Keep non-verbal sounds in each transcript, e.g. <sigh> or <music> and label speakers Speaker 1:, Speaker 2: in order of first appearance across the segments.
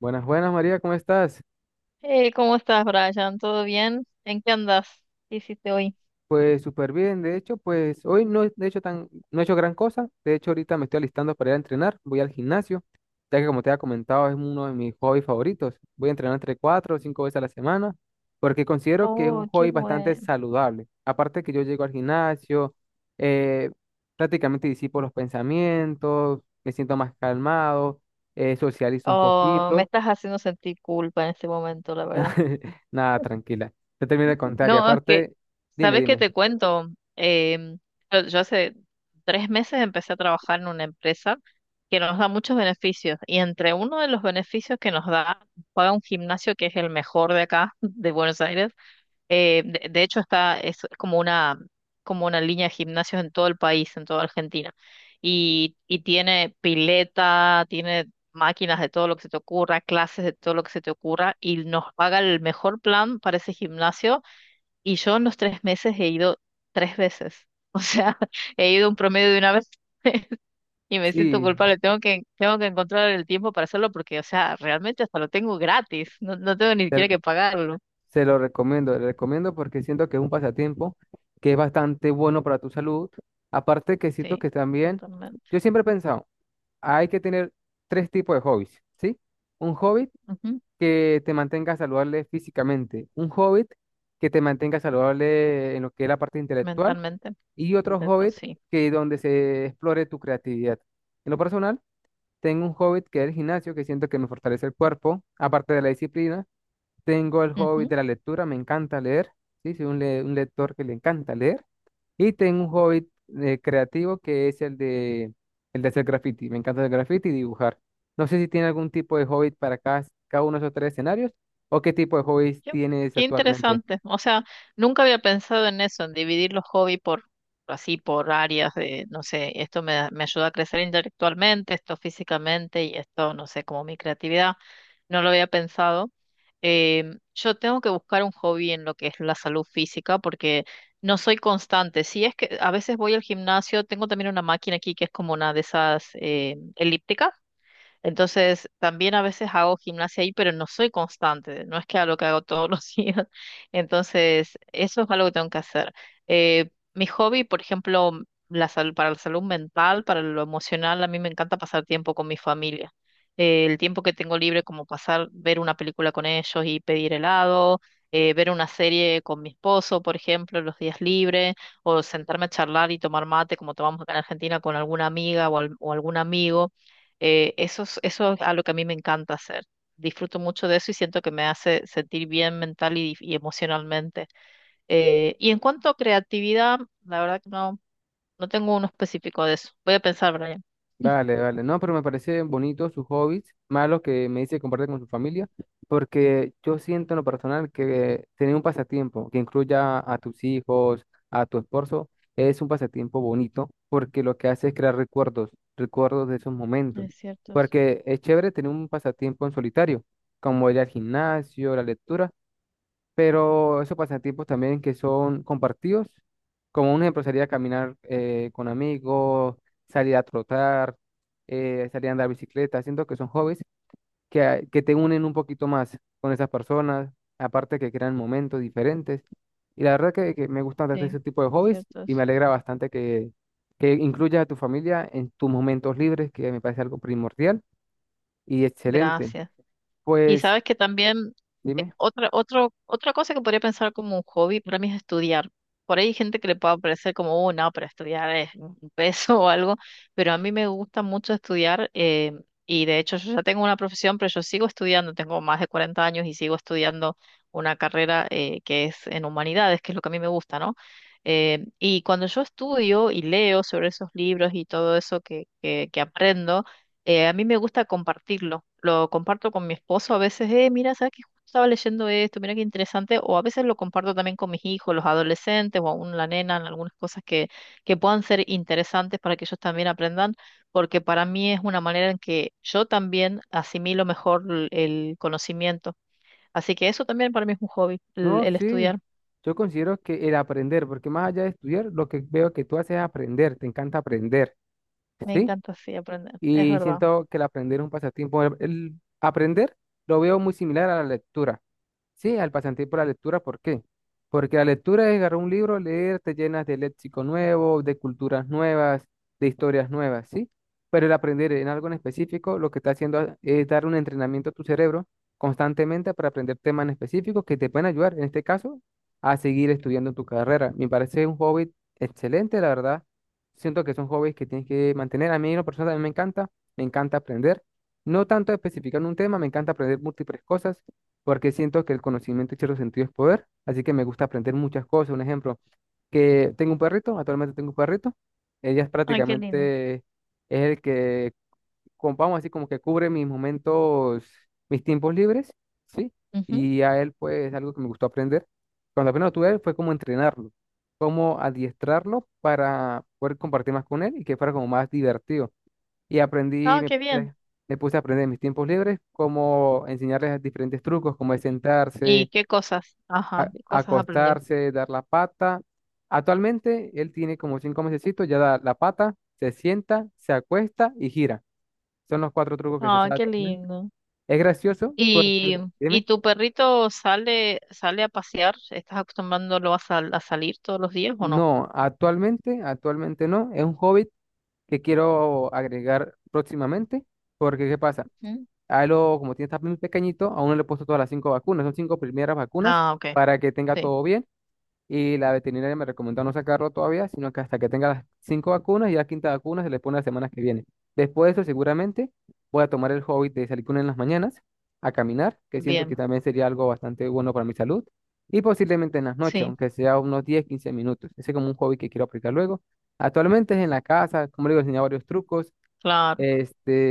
Speaker 1: Buenas, buenas María, ¿cómo estás?
Speaker 2: Hey, ¿cómo estás, Brian? ¿Todo bien? ¿En qué andas? ¿Qué hiciste hoy?
Speaker 1: Pues súper bien, de hecho, pues hoy no he de hecho tan, no he hecho gran cosa, de hecho ahorita me estoy alistando para ir a entrenar, voy al gimnasio, ya que como te había comentado es uno de mis hobbies favoritos, voy a entrenar entre cuatro o cinco veces a la semana, porque considero que es
Speaker 2: Oh,
Speaker 1: un
Speaker 2: qué
Speaker 1: hobby bastante
Speaker 2: bueno.
Speaker 1: saludable, aparte que yo llego al gimnasio, eh, prácticamente disipo los pensamientos, me siento más calmado, socializo un
Speaker 2: Oh, me
Speaker 1: poquito.
Speaker 2: estás haciendo sentir culpa en este momento, la verdad.
Speaker 1: <laughs> Nada, tranquila, te termino de contar y
Speaker 2: No, es que,
Speaker 1: aparte, dime,
Speaker 2: ¿sabes qué
Speaker 1: dime.
Speaker 2: te cuento? Em, yo hace 3 meses empecé a trabajar en una empresa que nos da muchos beneficios, y entre uno de los beneficios que nos da, paga un gimnasio que es el mejor de acá, <laughs> de Buenos Aires. De hecho, es como una línea de gimnasios en todo el país, en toda Argentina. Y tiene pileta, tiene máquinas de todo lo que se te ocurra, clases de todo lo que se te ocurra, y nos paga el mejor plan para ese gimnasio. Y yo en los 3 meses he ido tres veces. <laughs> O sea, he ido un promedio de una vez <laughs> y me siento
Speaker 1: Sí,
Speaker 2: culpable. Tengo que encontrar el tiempo para hacerlo porque, o sea, realmente hasta lo tengo gratis. No, no tengo ni
Speaker 1: te-
Speaker 2: siquiera que pagarlo.
Speaker 1: se lo recomiendo, le recomiendo porque siento que es un pasatiempo que es bastante bueno para tu salud. Aparte que siento
Speaker 2: Sí,
Speaker 1: que también,
Speaker 2: totalmente.
Speaker 1: yo siempre he pensado, hay que tener tres tipos de hobbies, ¿sí? Un hobby que te mantenga saludable físicamente, un hobby que te mantenga saludable en lo que es la parte intelectual
Speaker 2: Mentalmente.
Speaker 1: y otro
Speaker 2: Intento,
Speaker 1: hobby
Speaker 2: sí.
Speaker 1: que donde se explore tu creatividad. En lo personal, tengo un hobby que es el gimnasio, que siento que me fortalece el cuerpo, aparte de la disciplina. Tengo el hobby
Speaker 2: Ujú.
Speaker 1: de la lectura, me encanta leer. Sí, soy un, un lector que le encanta leer. Y tengo un hobby creativo que es el de hacer graffiti. Me encanta hacer graffiti y dibujar. No sé si tiene algún tipo de hobby para cada uno de esos tres escenarios o qué tipo de hobbies
Speaker 2: Yo-
Speaker 1: tienes
Speaker 2: Qué
Speaker 1: actualmente.
Speaker 2: interesante. O sea, nunca había pensado en eso, en dividir los hobbies por áreas de, no sé, esto me ayuda a crecer intelectualmente, esto físicamente y esto, no sé, como mi creatividad. No lo había pensado. Yo tengo que buscar un hobby en lo que es la salud física porque no soy constante. Si es que a veces voy al gimnasio, tengo también una máquina aquí que es como una de esas elípticas. Entonces, también a veces hago gimnasia ahí, pero no soy constante, no es que hago lo que hago todos los <laughs> días. Entonces, eso es algo que tengo que hacer. Mi hobby, por ejemplo, la salud, para la salud mental, para lo emocional, a mí me encanta pasar tiempo con mi familia. El tiempo que tengo libre, como pasar, ver una película con ellos y pedir helado, ver una serie con mi esposo, por ejemplo, los días libres, o sentarme a charlar y tomar mate, como tomamos acá en Argentina, con alguna amiga o o algún amigo, eso es, algo que a mí me encanta hacer. Disfruto mucho de eso y siento que me hace sentir bien mental y, emocionalmente. Y en cuanto a creatividad, la verdad que no, no tengo uno específico de eso. Voy a pensar, Brian.
Speaker 1: Vale, vale. No, pero me parece bonito sus hobbies, más que me dice que comparte con su familia, porque yo siento en lo personal que tener un pasatiempo que incluya a tus hijos, a tu esposo, es un pasatiempo bonito, porque lo que hace es crear recuerdos, recuerdos de esos momentos.
Speaker 2: Es cierto, eso.
Speaker 1: Porque es chévere tener un pasatiempo en solitario, como ir al gimnasio, la lectura, pero esos pasatiempos también que son compartidos, como un ejemplo sería caminar con amigos, salir a trotar, salir a andar bicicleta, siento que son hobbies que, que te unen un poquito más con esas personas, aparte que crean momentos diferentes. Y la verdad que me gusta bastante
Speaker 2: Sí,
Speaker 1: ese tipo de hobbies
Speaker 2: cierto.
Speaker 1: y
Speaker 2: Eso.
Speaker 1: me alegra bastante que incluyas a tu familia en tus momentos libres, que me parece algo primordial y excelente.
Speaker 2: Gracias. Y
Speaker 1: Pues
Speaker 2: sabes que también,
Speaker 1: dime.
Speaker 2: otra cosa que podría pensar como un hobby para mí es estudiar. Por ahí hay gente que le puede parecer como, oh, no, pero estudiar es un peso <laughs> o algo, pero a mí me gusta mucho estudiar, y de hecho yo ya tengo una profesión, pero yo sigo estudiando, tengo más de 40 años y sigo estudiando una carrera, que es en humanidades, que es lo que a mí me gusta, ¿no? Y cuando yo estudio y leo sobre esos libros y todo eso que, aprendo, a mí me gusta compartirlo. Lo comparto con mi esposo a veces, mira, ¿sabes que justo estaba leyendo esto? Mira qué interesante. O a veces lo comparto también con mis hijos, los adolescentes o aún la nena, en algunas cosas que, puedan ser interesantes para que ellos también aprendan, porque para mí es una manera en que yo también asimilo mejor el conocimiento. Así que eso también para mí es un hobby, el,
Speaker 1: No,
Speaker 2: el
Speaker 1: sí,
Speaker 2: estudiar.
Speaker 1: yo considero que el aprender, porque más allá de estudiar, lo que veo que tú haces es aprender, te encanta aprender,
Speaker 2: Me
Speaker 1: ¿sí?
Speaker 2: encanta así aprender, es
Speaker 1: Y
Speaker 2: verdad.
Speaker 1: siento que el aprender es un pasatiempo. El aprender lo veo muy similar a la lectura. Sí, al pasatiempo de la lectura, ¿por qué? Porque la lectura es agarrar un libro, leer, te llenas de léxico nuevo, de culturas nuevas, de historias nuevas, ¿sí? Pero el aprender en algo en específico, lo que está haciendo es dar un entrenamiento a tu cerebro constantemente para aprender temas en específicos que te pueden ayudar, en este caso, a seguir estudiando tu carrera. Me parece un hobby excelente, la verdad. Siento que son hobbies que tienes que mantener. A mí, en lo personal, también me encanta. Me encanta aprender. No tanto especificar en un tema, me encanta aprender múltiples cosas, porque siento que el conocimiento en cierto sentido es poder. Así que me gusta aprender muchas cosas. Un ejemplo, que tengo un perrito, actualmente tengo un perrito. Ella es
Speaker 2: Ay, qué lindo.
Speaker 1: prácticamente Es el que, como, vamos a decir, como que cubre mis momentos, mis tiempos libres, ¿sí?
Speaker 2: Ujú.
Speaker 1: Y a él, pues, es algo que me gustó aprender. Cuando apenas lo tuve, fue como entrenarlo, como adiestrarlo para poder compartir más con él y que fuera como más divertido. Y aprendí,
Speaker 2: Ah, qué bien.
Speaker 1: me puse a aprender en mis tiempos libres, como enseñarles diferentes trucos, como de
Speaker 2: ¿Y
Speaker 1: sentarse,
Speaker 2: qué cosas? Ajá, ¿qué cosas aprendió?
Speaker 1: acostarse, dar la pata. Actualmente, él tiene como 5 mesecitos, ya da la pata, se sienta, se acuesta y gira. Son los cuatro trucos que se
Speaker 2: Ah,
Speaker 1: sabe.
Speaker 2: qué lindo.
Speaker 1: Es gracioso porque,
Speaker 2: Y, y
Speaker 1: dime,
Speaker 2: tu perrito sale, a pasear, ¿estás acostumbrándolo a salir todos los días o no?
Speaker 1: no, actualmente no, es un hobby que quiero agregar próximamente, porque ¿qué pasa?
Speaker 2: Ujú.
Speaker 1: A lo, como tiene está muy pequeñito, a uno le he puesto todas las cinco vacunas, son cinco primeras vacunas
Speaker 2: Ah, ok,
Speaker 1: para que tenga
Speaker 2: sí,
Speaker 1: todo bien. Y la veterinaria me recomendó no sacarlo todavía, sino que hasta que tenga las cinco vacunas y la quinta vacuna se le pone la semana que viene. Después de eso, seguramente voy a tomar el hobby de salir con él en las mañanas a caminar, que siento que
Speaker 2: bien,
Speaker 1: también sería algo bastante bueno para mi salud. Y posiblemente en las noches,
Speaker 2: sí,
Speaker 1: aunque sea unos 10 15 minutos. Ese es como un hobby que quiero aplicar luego. Actualmente es en la casa, como le digo, enseñar varios trucos.
Speaker 2: claro.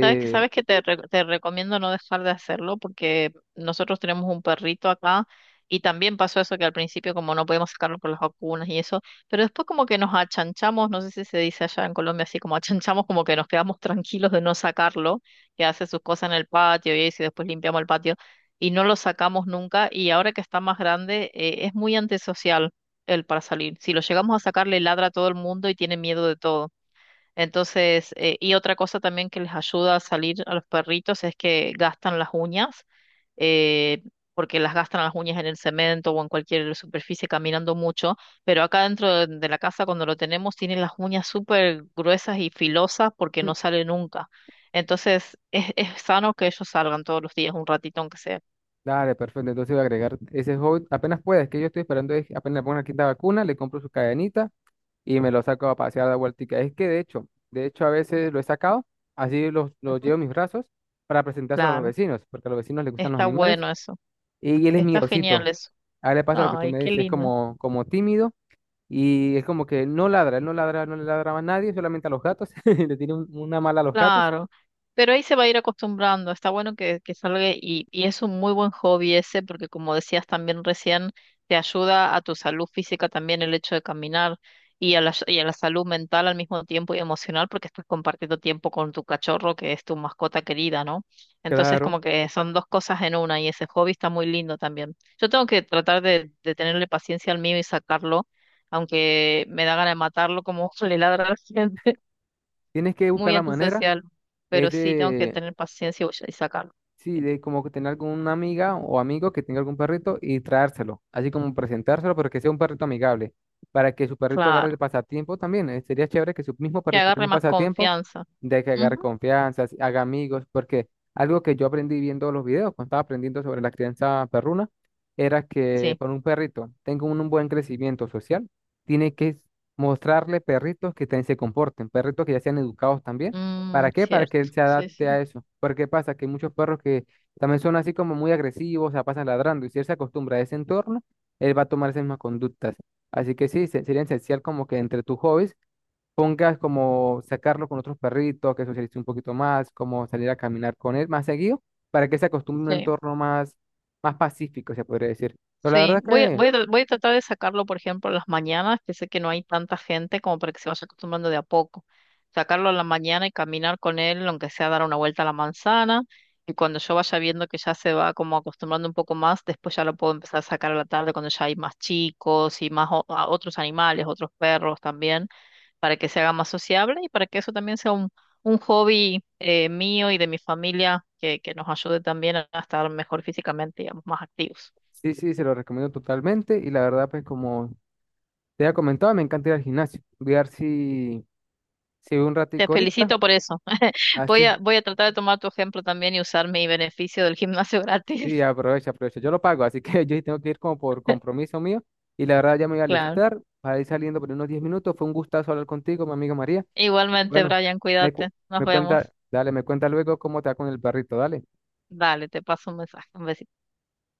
Speaker 2: Sabes que sabes que te recomiendo no dejar de hacerlo porque nosotros tenemos un perrito acá y también pasó eso que al principio como no podíamos sacarlo por las vacunas y eso, pero después como que nos achanchamos, no sé si se dice allá en Colombia así, como achanchamos, como que nos quedamos tranquilos de no sacarlo, que hace sus cosas en el patio y eso, y después limpiamos el patio y no lo sacamos nunca. Y ahora que está más grande, es muy antisocial él para salir. Si lo llegamos a sacar, le ladra a todo el mundo y tiene miedo de todo. Entonces, y otra cosa también que les ayuda a salir a los perritos es que gastan las uñas, eh, porque las gastan las uñas en el cemento o en cualquier superficie caminando mucho, pero acá dentro de la casa cuando lo tenemos tienen las uñas súper gruesas y filosas porque no sale nunca. Entonces, es, sano que ellos salgan todos los días, un ratito aunque sea.
Speaker 1: dale, perfecto. Entonces voy a agregar ese hobby apenas pueda. Es que yo estoy esperando, es que apenas le pongan la quinta vacuna, le compro su cadenita y me lo saco a pasear de vueltica. Es que de hecho a veces lo he sacado, así los lo llevo
Speaker 2: Ujú.
Speaker 1: en mis brazos para presentárselo a los
Speaker 2: Claro,
Speaker 1: vecinos, porque a los vecinos les gustan los
Speaker 2: está
Speaker 1: animales
Speaker 2: bueno eso,
Speaker 1: y él es
Speaker 2: está genial
Speaker 1: miedosito.
Speaker 2: eso.
Speaker 1: A él le pasa lo que tú
Speaker 2: Ay,
Speaker 1: me
Speaker 2: qué
Speaker 1: dices, es
Speaker 2: lindo.
Speaker 1: como, como tímido y es como que no ladra, él no ladra, no le ladra a nadie, solamente a los gatos, <laughs> le tiene una mala a los gatos.
Speaker 2: Claro, pero ahí se va a ir acostumbrando. Está bueno que, salga, y es un muy buen hobby ese porque como decías también recién, te ayuda a tu salud física también el hecho de caminar, y a la salud mental al mismo tiempo y emocional, porque estás compartiendo tiempo con tu cachorro que es tu mascota querida, ¿no? Entonces
Speaker 1: Claro,
Speaker 2: como que son dos cosas en una, y ese hobby está muy lindo también. Yo tengo que tratar de, tenerle paciencia al mío y sacarlo, aunque me da ganas de matarlo como <laughs> le ladra a la gente,
Speaker 1: tienes que buscar
Speaker 2: muy
Speaker 1: la manera,
Speaker 2: antisocial,
Speaker 1: es
Speaker 2: pero sí tengo que
Speaker 1: de.
Speaker 2: tener paciencia y sacarlo.
Speaker 1: Sí,
Speaker 2: Sí.
Speaker 1: de como que tener alguna amiga o amigo que tenga algún perrito y traérselo, así como presentárselo, pero que sea un perrito amigable, para que su perrito agarre el
Speaker 2: Claro,
Speaker 1: pasatiempo también. Sería chévere que su mismo
Speaker 2: que
Speaker 1: perrito tenga
Speaker 2: agarre
Speaker 1: un
Speaker 2: más
Speaker 1: pasatiempo
Speaker 2: confianza.
Speaker 1: de que agarre
Speaker 2: Ujú.
Speaker 1: confianza, así, haga amigos, porque algo que yo aprendí viendo los videos, cuando estaba aprendiendo sobre la crianza perruna, era que
Speaker 2: Sí.
Speaker 1: para un perrito tenga un buen crecimiento social, tiene que mostrarle perritos que también se comporten, perritos que ya sean educados también.
Speaker 2: Mm,
Speaker 1: ¿Para qué? Para que él
Speaker 2: cierto.
Speaker 1: se
Speaker 2: Sí,
Speaker 1: adapte
Speaker 2: sí,
Speaker 1: a eso. Porque pasa que hay muchos perros que también son así como muy agresivos, se sea, pasan ladrando. Y si él se acostumbra a ese entorno, él va a tomar esas mismas conductas. Así que sí, sería esencial como que entre tus hobbies pongas como sacarlo con otros perritos, que socialice un poquito más, como salir a caminar con él más seguido, para que se acostumbre a un
Speaker 2: sí.
Speaker 1: entorno más, más pacífico, se podría decir. Pero la
Speaker 2: Sí,
Speaker 1: verdad
Speaker 2: voy a,
Speaker 1: que
Speaker 2: voy a, tra- voy a tratar de sacarlo, por ejemplo, en las mañanas, que sé que no hay tanta gente como para que se vaya acostumbrando de a poco. Sacarlo en la mañana y caminar con él, aunque sea dar una vuelta a la manzana, y cuando yo vaya viendo que ya se va como acostumbrando un poco más, después ya lo puedo empezar a sacar a la tarde cuando ya hay más chicos y más a otros animales, otros perros también, para que se haga más sociable y para que eso también sea un, hobby, mío y de mi familia, que, nos ayude también a estar mejor físicamente, digamos, más activos.
Speaker 1: sí, sí, se lo recomiendo totalmente. Y la verdad, pues como te había comentado, me encanta ir al gimnasio. Voy a ver si... Si voy un
Speaker 2: Te
Speaker 1: ratico ahorita.
Speaker 2: felicito por eso. <laughs>
Speaker 1: Ah,
Speaker 2: Voy
Speaker 1: sí,
Speaker 2: a, voy a tratar de tomar tu ejemplo también y usar mi beneficio del gimnasio gratis.
Speaker 1: sí, aprovecha, aprovecha. Yo lo pago, así que <laughs> yo sí tengo que ir como por
Speaker 2: <laughs>
Speaker 1: compromiso mío. Y la verdad ya me voy a
Speaker 2: Claro.
Speaker 1: alistar para ir saliendo por unos 10 minutos. Fue un gustazo hablar contigo, mi amiga María. Y
Speaker 2: Igualmente,
Speaker 1: bueno,
Speaker 2: Brian,
Speaker 1: me, cu-
Speaker 2: cuídate. Nos
Speaker 1: me
Speaker 2: vemos.
Speaker 1: cuenta, dale, me cuenta luego cómo te va con el perrito, dale.
Speaker 2: Dale, te paso un mensaje. Un besito.